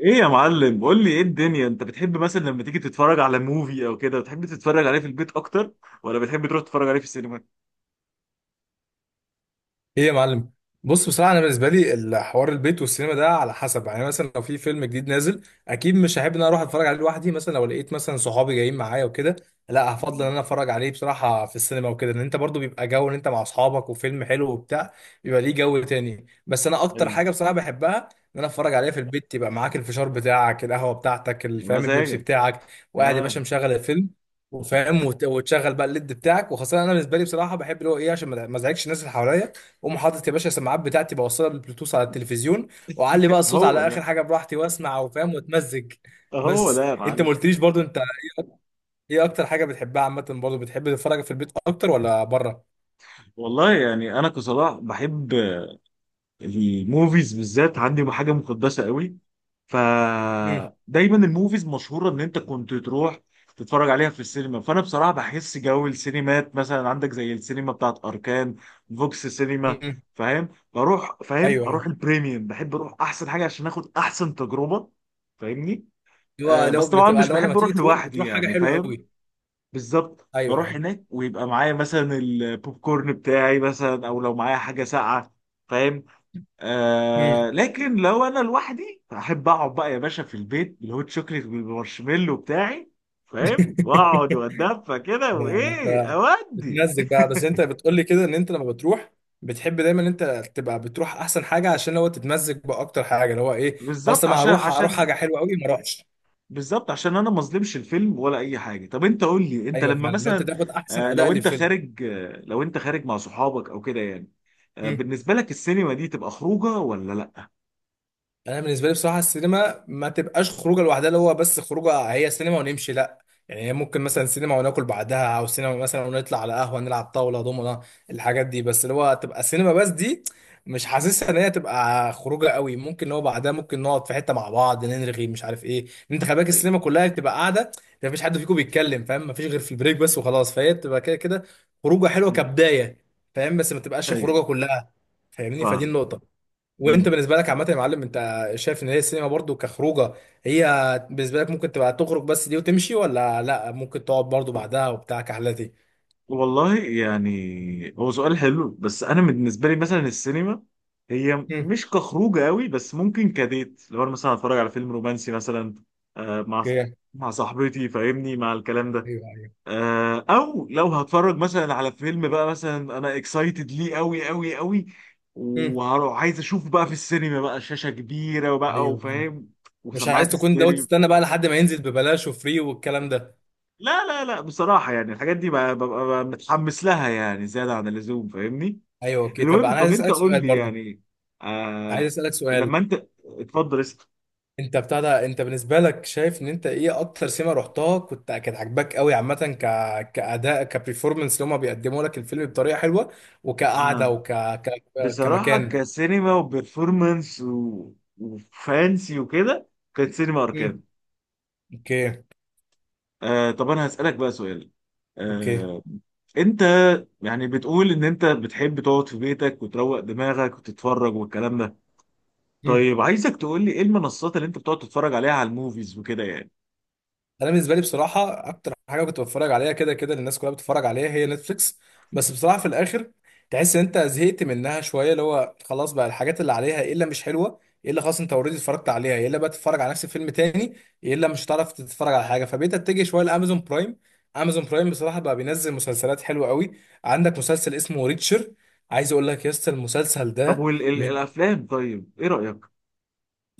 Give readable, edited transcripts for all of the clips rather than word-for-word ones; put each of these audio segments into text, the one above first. ايه يا معلم، قول لي ايه الدنيا. انت بتحب مثلا لما تيجي تتفرج على موفي او كده، بتحب تتفرج عليه في البيت اكتر ولا بتحب تروح تتفرج عليه في السينما؟ ايه يا معلم. بص، بصراحه انا بالنسبه لي الحوار البيت والسينما ده على حسب، يعني مثلا لو في فيلم جديد نازل، اكيد مش هحب ان انا اروح اتفرج عليه لوحدي. مثلا لو لقيت مثلا صحابي جايين معايا وكده، لا هفضل ان انا اتفرج عليه بصراحه في السينما وكده. ان انت برضو بيبقى جو ان انت مع اصحابك وفيلم حلو وبتاع، بيبقى ليه جو تاني. بس انا اكتر ايوه. حاجه بصراحه بحبها، ان انا اتفرج عليها في البيت، يبقى معاك الفشار بتاعك، القهوه بتاعتك، يا الفام، البيبسي مزاجك. بتاعك، وقاعد يا اه. باشا مشغل الفيلم وفاهم، وتشغل بقى الليد بتاعك. وخاصه انا بالنسبه لي بصراحه بحب اللي هو ايه، عشان ما ازعجش الناس اللي حواليا، اقوم حاطط يا باشا السماعات بتاعتي، بوصلها بالبلوتوث على التلفزيون، واعلي بقى الصوت هو على ده. اخر حاجه براحتي، واسمع وفاهم واتمزج. هو بس ده يا انت ما معلم. قلتليش برضو، انت ايه إيه اكتر حاجه بتحبها عامه؟ برضو بتحب تتفرج في البيت اكتر ولا بره؟ والله يعني انا كصلاح بحب الموفيز بالذات، عندي حاجه مقدسه قوي. امم. فدايما الموفيز مشهوره ان انت كنت تروح تتفرج عليها في السينما. فانا بصراحه بحس جو السينمات، مثلا عندك زي السينما بتاعت اركان، فوكس سينما. امم. فاهم، بروح، فاهم ايوه، ايوه. اروح البريميوم، بحب اروح احسن حاجه عشان اخد احسن تجربه. فاهمني؟ لو آه لو بس طبعا بتبقى مش لو لما بحب تيجي اروح تروح لوحدي بتروح حاجه يعني، حلوه فاهم. قوي؟ بالظبط، ايوه، بروح ايوه. هناك ويبقى معايا مثلا البوب كورن بتاعي، مثلا، او لو معايا حاجه ساقعه. فاهم؟ امم. آه لكن لو انا لوحدي احب اقعد بقى يا باشا في البيت بالهوت شوكليت بالمارشميلو بتاعي. فاهم، واقعد واتدفى كده يعني ما وايه انت اودي. بتمزج بقى. بس انت بتقول لي كده ان انت لما بتروح بتحب دايما ان انت تبقى بتروح احسن حاجه، عشان لو تتمزج باكتر حاجه اللي هو ايه، بالظبط اصل ما عشان هروح هروح حاجه عشان حلوه قوي ما اروحش. بالظبط عشان انا ما اظلمش الفيلم ولا اي حاجه. طب انت قول لي، انت ايوه لما فعلا، لو انت مثلا تاخد احسن اداء للفيلم. لو انت خارج مع صحابك او كده يعني، آه، بالنسبه لك السينما دي تبقى خروجه ولا لا؟ انا بالنسبه لي بصراحه السينما ما تبقاش خروجه لوحدها، اللي هو بس خروجه هي سينما ونمشي، لا. يعني هي ممكن مثلا سينما وناكل بعدها، او سينما مثلا ونطلع على قهوه نلعب طاوله دومنا، الحاجات دي. بس اللي هو تبقى سينما بس دي، مش حاسسها ان هي تبقى خروجه قوي. ممكن اللي هو بعدها ممكن نقعد في حته مع بعض نرغي مش عارف ايه، إن انت خلي بالك ايوه، السينما كلها بتبقى قاعده، ما فيش حد فيكم بيتكلم فاهم، ما فيش غير في البريك بس وخلاص، فهي بتبقى كده كده خروجه حلوه ايوه، كبدايه، فاهم، بس ما تبقاش أيوه، خروجه كلها. فاهمني؟ فدي فاهم. النقطه. وانت بالنسبه لك عامه يا معلم، انت شايف ان هي السينما برضو كخروجه؟ هي بالنسبه لك ممكن تبقى تخرج بس دي وتمشي، ولا لا ممكن تقعد برضو بعدها وبتاع كحلتي؟ والله يعني هو سؤال حلو، بس انا بالنسبه لي مثلا السينما هي امم. مش كخروج قوي، بس ممكن كديت. لو انا مثلا اتفرج على فيلم رومانسي مثلا، آه، مع اوكي. مع صاحبتي، فاهمني، مع الكلام ده. ايوه، ايوه. آه، او لو هتفرج مثلا على فيلم بقى، مثلا انا اكسايتد ليه قوي قوي قوي، امم. وهروح عايز اشوفه بقى في السينما بقى، شاشه كبيره وبقى ايوه، ايوه. وفاهم، مش عايز وسماعات تكون، لو ستيريو. تستنى بقى لحد ما ينزل ببلاش وفري والكلام ده؟ لا لا لا، بصراحه يعني الحاجات دي ببقى متحمس لها، يعني زياده عن اللزوم، فاهمني. ايوه، اوكي. طب انا المهم، عايز طب انت اسالك قول سؤال لي برضو، يعني. عايز آه. اسالك سؤال. لما انت، اتفضل اسأل. انت بتاع ده، انت بالنسبه لك شايف ان انت ايه اكتر سينما رحتها كنت كانت عاجباك قوي عامه، كاداء، كبرفورمانس، اللي هم بيقدموا لك الفيلم بطريقه حلوه، آه. وكقعده بصراحة كمكان؟ كسينما وبرفورمانس وفانسي وكده، كانت سينما امم. أركان. اوكي. آه طب أنا هسألك بقى سؤال. اوكي. آه أنت يعني بتقول إن أنت بتحب تقعد في بيتك وتروق دماغك وتتفرج والكلام ده. مم. طيب عايزك تقول لي إيه المنصات اللي أنت بتقعد تتفرج عليها على الموفيز وكده يعني. انا بالنسبه لي بصراحه اكتر حاجه كنت بتفرج عليها، كده كده الناس كلها بتتفرج عليها، هي نتفليكس. بس بصراحه في الاخر تحس ان انت زهقت منها شويه، اللي هو خلاص بقى الحاجات اللي عليها، ايه الا مش حلوه، ايه الا خلاص انت اوريدي اتفرجت عليها، ايه الا بقى تتفرج على نفس الفيلم تاني، ايه الا مش هتعرف تتفرج على حاجه. فبقيت اتجه شويه لامازون برايم. امازون برايم بصراحه بقى بينزل مسلسلات حلوه قوي. عندك مسلسل اسمه ريتشر، عايز اقول لك يا اسطى المسلسل طب ده. من والأفلام، طيب إيه رأيك؟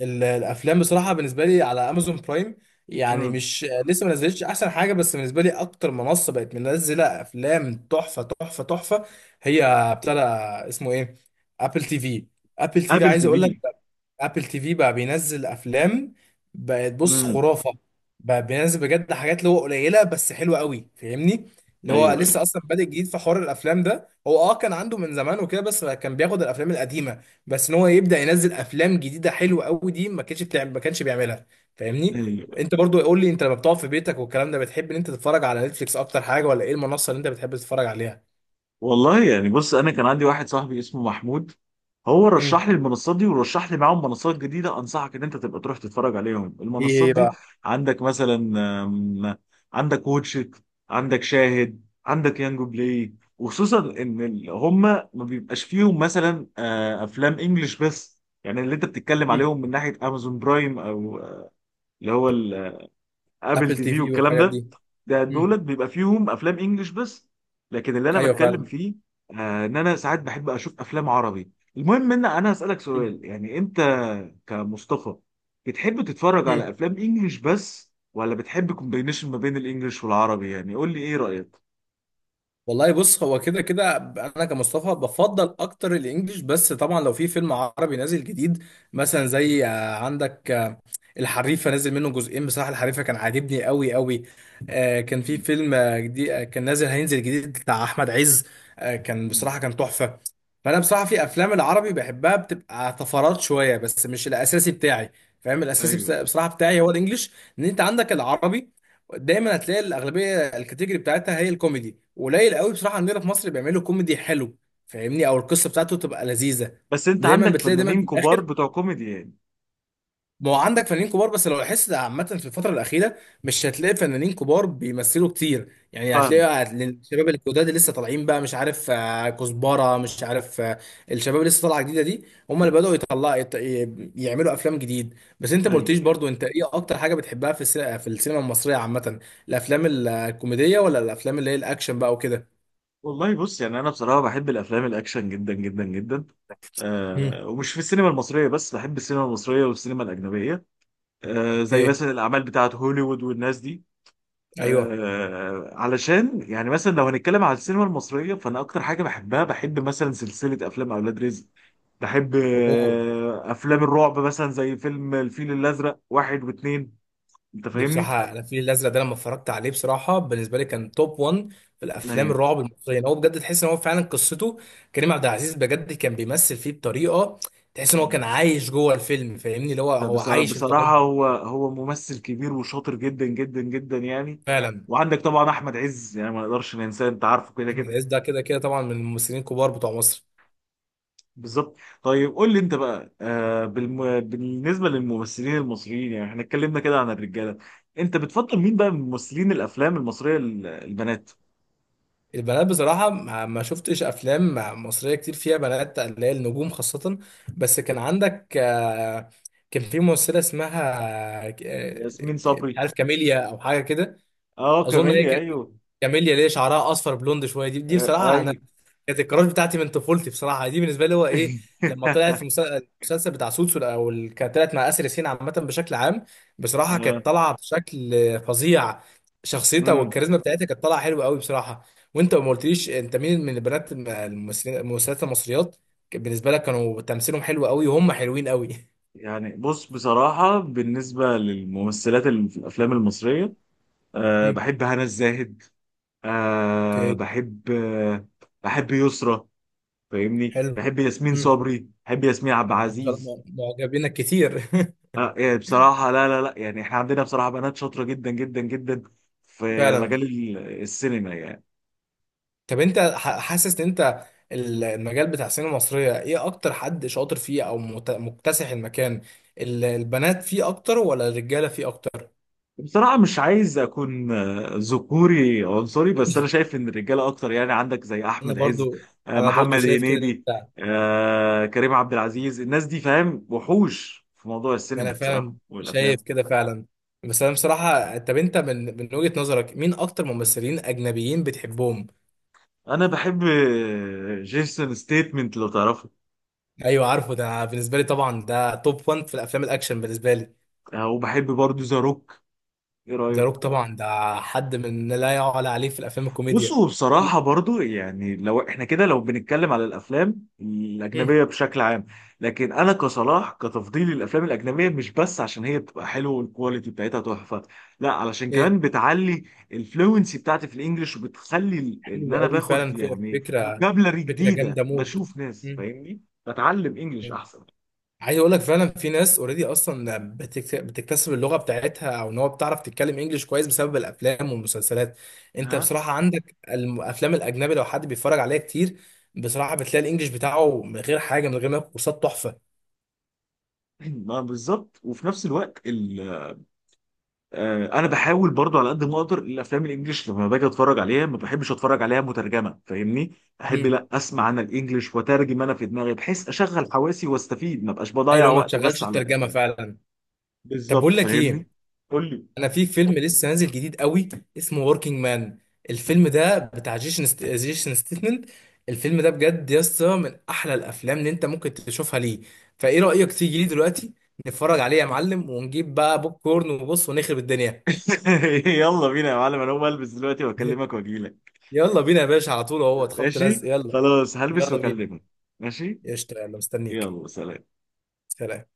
الافلام بصراحه بالنسبه لي على امازون برايم، يعني امم. مش لسه ما نزلتش احسن حاجه، بس بالنسبه لي اكتر منصه بقت منزله افلام تحفه تحفه تحفه، هي ابتدى، اسمه ايه، ابل تي في. ابل تي في ابل تي عايز اقول لك، في. ابل تي في بقى بينزل افلام، بقت بص امم. خرافه. بقى بينزل بجد حاجات اللي هو قليله بس حلوه قوي، فاهمني. اللي هو ايوه. أيوة. لسه اصلا بادئ جديد في حوار الافلام ده، هو كان عنده من زمان وكده، بس كان بياخد الافلام القديمه، بس ان هو يبدا ينزل افلام جديده حلوه قوي دي ما كانش بتعمل، ما كانش بيعملها، فاهمني. أيوة. انت برضو قول لي، انت لما بتقعد في بيتك والكلام ده بتحب ان انت تتفرج على نتفليكس اكتر حاجه، ولا ايه المنصه اللي انت بتحب تتفرج عليها؟ والله يعني بص، انا كان عندي واحد صاحبي اسمه محمود، هو رشح لي امم. المنصات دي ورشح لي معاهم منصات جديده. انصحك ان انت تبقى تروح تتفرج عليهم المنصات ايه دي. بقى؟ عندك مثلا، آم، عندك واتشت، عندك شاهد، عندك يانجو بلاي. وخصوصا ان هما ما بيبقاش فيهم مثلا افلام انجلش بس، يعني اللي انت بتتكلم مم. عليهم من ناحيه امازون برايم او اللي هو ابل ابل تي تي في في والكلام والحاجات ده. دي. ده مم. دولت بيبقى فيهم افلام انجلش بس. لكن اللي انا ايوه بتكلم فعلا. فيه، ان انا ساعات بحب اشوف افلام عربي. المهم ان انا هسالك سؤال، يعني انت كمصطفى بتحب تتفرج على مم. افلام انجلش بس ولا بتحب كومبينيشن ما بين الانجليش والعربي؟ يعني قول لي ايه رايك. والله بص، هو كده كده انا كمصطفى بفضل اكتر الانجليش. بس طبعا لو في فيلم عربي نازل جديد، مثلا زي عندك الحريفه نازل منه جزئين، بصراحه الحريفه كان عاجبني قوي قوي. كان في مم. فيلم جديد كان نازل، هينزل جديد بتاع احمد عز. كان مم. بصراحه كان تحفه. فانا بصراحه في افلام العربي بحبها، بتبقى طفرات شويه بس مش الاساسي بتاعي، فاهم؟ الاساسي ايوه. بصراحه بتاعي هو الانجليش. ان انت عندك العربي دايما هتلاقي الاغلبيه الكاتيجوري بتاعتها هي الكوميدي، قليل قوي بصراحه عندنا في مصر بيعملوا كوميدي حلو، فاهمني، او القصه بتاعته تبقى لذيذه. بس انت دايما عندك بتلاقي دايما فنانين في كبار الاخر، بتوع كوميدي يعني. ما هو عندك فنانين كبار، بس لو لاحظت عامة في الفترة الأخيرة، مش هتلاقي فنانين كبار بيمثلوا كتير، يعني فاهم. هتلاقي الشباب الجداد اللي لسه طالعين بقى، مش عارف كزبرة، مش عارف الشباب اللي لسه طالعة جديدة دي هم اللي بدأوا يطلعوا يعملوا أفلام جديد. بس أنت ما قلتليش ايوه. برضو، أنت إيه أكتر حاجة بتحبها في السينما المصرية عامة؟ الأفلام الكوميدية ولا الأفلام اللي هي الأكشن بقى وكده؟ والله بص، يعني انا بصراحه بحب الافلام الاكشن جدا جدا جدا. امم. آه، ومش في السينما المصريه بس، بحب السينما المصريه والسينما الاجنبيه، آه، زي أوكي. مثلا الاعمال بتاعه هوليوود والناس دي. أيوه. آه علشان يعني مثلا لو هنتكلم على السينما المصريه، فانا اكتر حاجه بحبها بحب مثلا سلسله افلام اولاد رزق، بحب أوه، افلام الرعب مثلا زي فيلم الفيل الازرق واحد واتنين. انت دي فاهمني؟ بصراحة أنا الفيل الأزرق ده لما اتفرجت عليه بصراحة بالنسبة لي كان توب 1 في الأفلام ايوه. الرعب المصرية. يعني هو بجد تحس إن هو فعلا قصته، كريم عبد العزيز بجد كان بيمثل فيه بطريقة تحس إن هو كان عايش جوه الفيلم، فاهمني، اللي هو هو عايش بصراحة التجربة. هو ممثل كبير وشاطر جدا جدا جدا يعني. فعلا. وعندك طبعا أحمد عز، يعني ما نقدرش ننساه، أنت عارفه كده أحمد كده. عز ده كده كده طبعا من الممثلين الكبار بتوع مصر. بالظبط. طيب قول لي أنت بقى، بالنسبة للممثلين المصريين، يعني احنا اتكلمنا كده عن الرجالة، أنت بتفضل مين بقى من ممثلين الأفلام المصرية البنات؟ البنات بصراحة ما شفتش أفلام مصرية كتير فيها بنات اللي هي النجوم خاصة. بس كان عندك كان في ممثلة اسمها آه، ك- ياسمين مش صبري. عارف كاميليا أو حاجة كده. أه اظن هي كاميليا، أيوه. كاميليا، ليه شعرها اصفر بلوند شويه دي آه، بصراحه انا أيوه. كانت الكراش بتاعتي من طفولتي بصراحه. دي بالنسبه لي هو ايه، لما طلعت في المسلسل بتاع سوتسو، او كانت طلعت مع اسر ياسين، عامه بشكل عام بصراحه آه. كانت طالعه بشكل فظيع، شخصيتها أمم. والكاريزما بتاعتها كانت طالعه حلوه قوي بصراحه. وانت ما قلتليش، انت مين من البنات الممثلين الممثلات المصريات كان بالنسبه لك كانوا تمثيلهم حلو قوي وهم حلوين قوي؟ يعني بص، بصراحة بالنسبة للممثلات اللي في الأفلام المصرية، أه مم. بحب هنا الزاهد، أه اوكي. بحب أه بحب يسرا، فاهمني، حلو. بحب ياسمين مم. صبري، بحب ياسمين عبد انت ما شاء العزيز. الله معجبينك كتير! أه يعني بصراحة لا لا لا، يعني احنا عندنا بصراحة بنات شاطرة جدا جدا جدا في فعلا. مجال السينما يعني. طب انت حاسس ان انت المجال بتاع السينما المصرية ايه اكتر حد شاطر فيه او مكتسح المكان؟ البنات فيه اكتر ولا الرجالة فيه اكتر؟ بصراحة مش عايز أكون ذكوري عنصري، بس أنا شايف إن الرجالة أكتر يعني. عندك زي انا أحمد عز، برضو انا برضو محمد شايف كده ان هنيدي، انت، كريم عبد العزيز، الناس دي فاهم وحوش في موضوع السينما انا بصراحة فعلا شايف والأفلام. كده فعلا. بس انا بصراحة، طب انت من وجهة نظرك مين اكتر ممثلين اجنبيين بتحبهم؟ انا بحب جيسون ستيتمنت، لو تعرفه. ايوه عارفه ده، أنا بالنسبة لي طبعا ده توب 1 في الافلام الاكشن بالنسبة لي. وبحب برضو ذا روك، ايه ذا رايك؟ روك طبعا ده حد من لا يعلى عليه في الافلام الكوميديا. بصوا بصراحه لا. برضو، يعني لو احنا كده لو بنتكلم على الافلام مم. الاجنبيه بشكل عام. لكن انا كصلاح كتفضيلي الافلام الاجنبيه مش بس عشان هي بتبقى حلوه والكواليتي بتاعتها تحفه، لا علشان ايه، كمان بتعلي الفلوينسي بتاعتي في الانجليش، وبتخلي ان حلو انا قوي باخد فعلا، يعني فكره، فوكابلري فكره جديده، جامده موت. بشوف ناس، مم. فاهمني. بتعلم انجليش احسن. عايز اقول لك فعلا في ناس اوريدي اصلا بتكتسب اللغه بتاعتها، او ان هو بتعرف تتكلم انجليش كويس بسبب الافلام والمسلسلات. انت ها. بصراحه عندك الافلام الاجنبي لو حد بيتفرج عليها كتير، بصراحه بتلاقي الانجليش بتاعه من غير حاجه، من غير ما ياخد كورسات، تحفه. ما بالظبط، وفي نفس الوقت آه، انا بحاول برضو على قد ما اقدر الافلام الانجليش لما باجي اتفرج عليها ما بحبش اتفرج عليها مترجمه، فاهمني. احب مم. لا اسمع انا الانجليش واترجم انا في دماغي، بحيث اشغل حواسي واستفيد، ما بقاش اي بضيع لو ما وقت بس تشغلش على الترجمه الافلام. فعلا. طب بالظبط، بقول لك فاهمني. ايه، قول لي. انا في فيلم لسه نازل جديد قوي اسمه وركينج مان. الفيلم ده بتاع جيسون ستيتمنت. الفيلم ده بجد يا اسطى من احلى الافلام اللي انت ممكن تشوفها ليه. فايه رايك تيجي لي دلوقتي نتفرج عليه يا معلم، ونجيب بقى بوب كورن وبص ونخرب الدنيا؟ يلا بينا يا معلم، انا هقوم البس دلوقتي واكلمك واجيلك. يلا بينا يا باشا، على طول، اهو خبط ماشي. لزق، يلا. خلاص هلبس يلا بينا، واكلمك. ماشي. قشطه، يلا مستنيك. يلا سلام. سلام.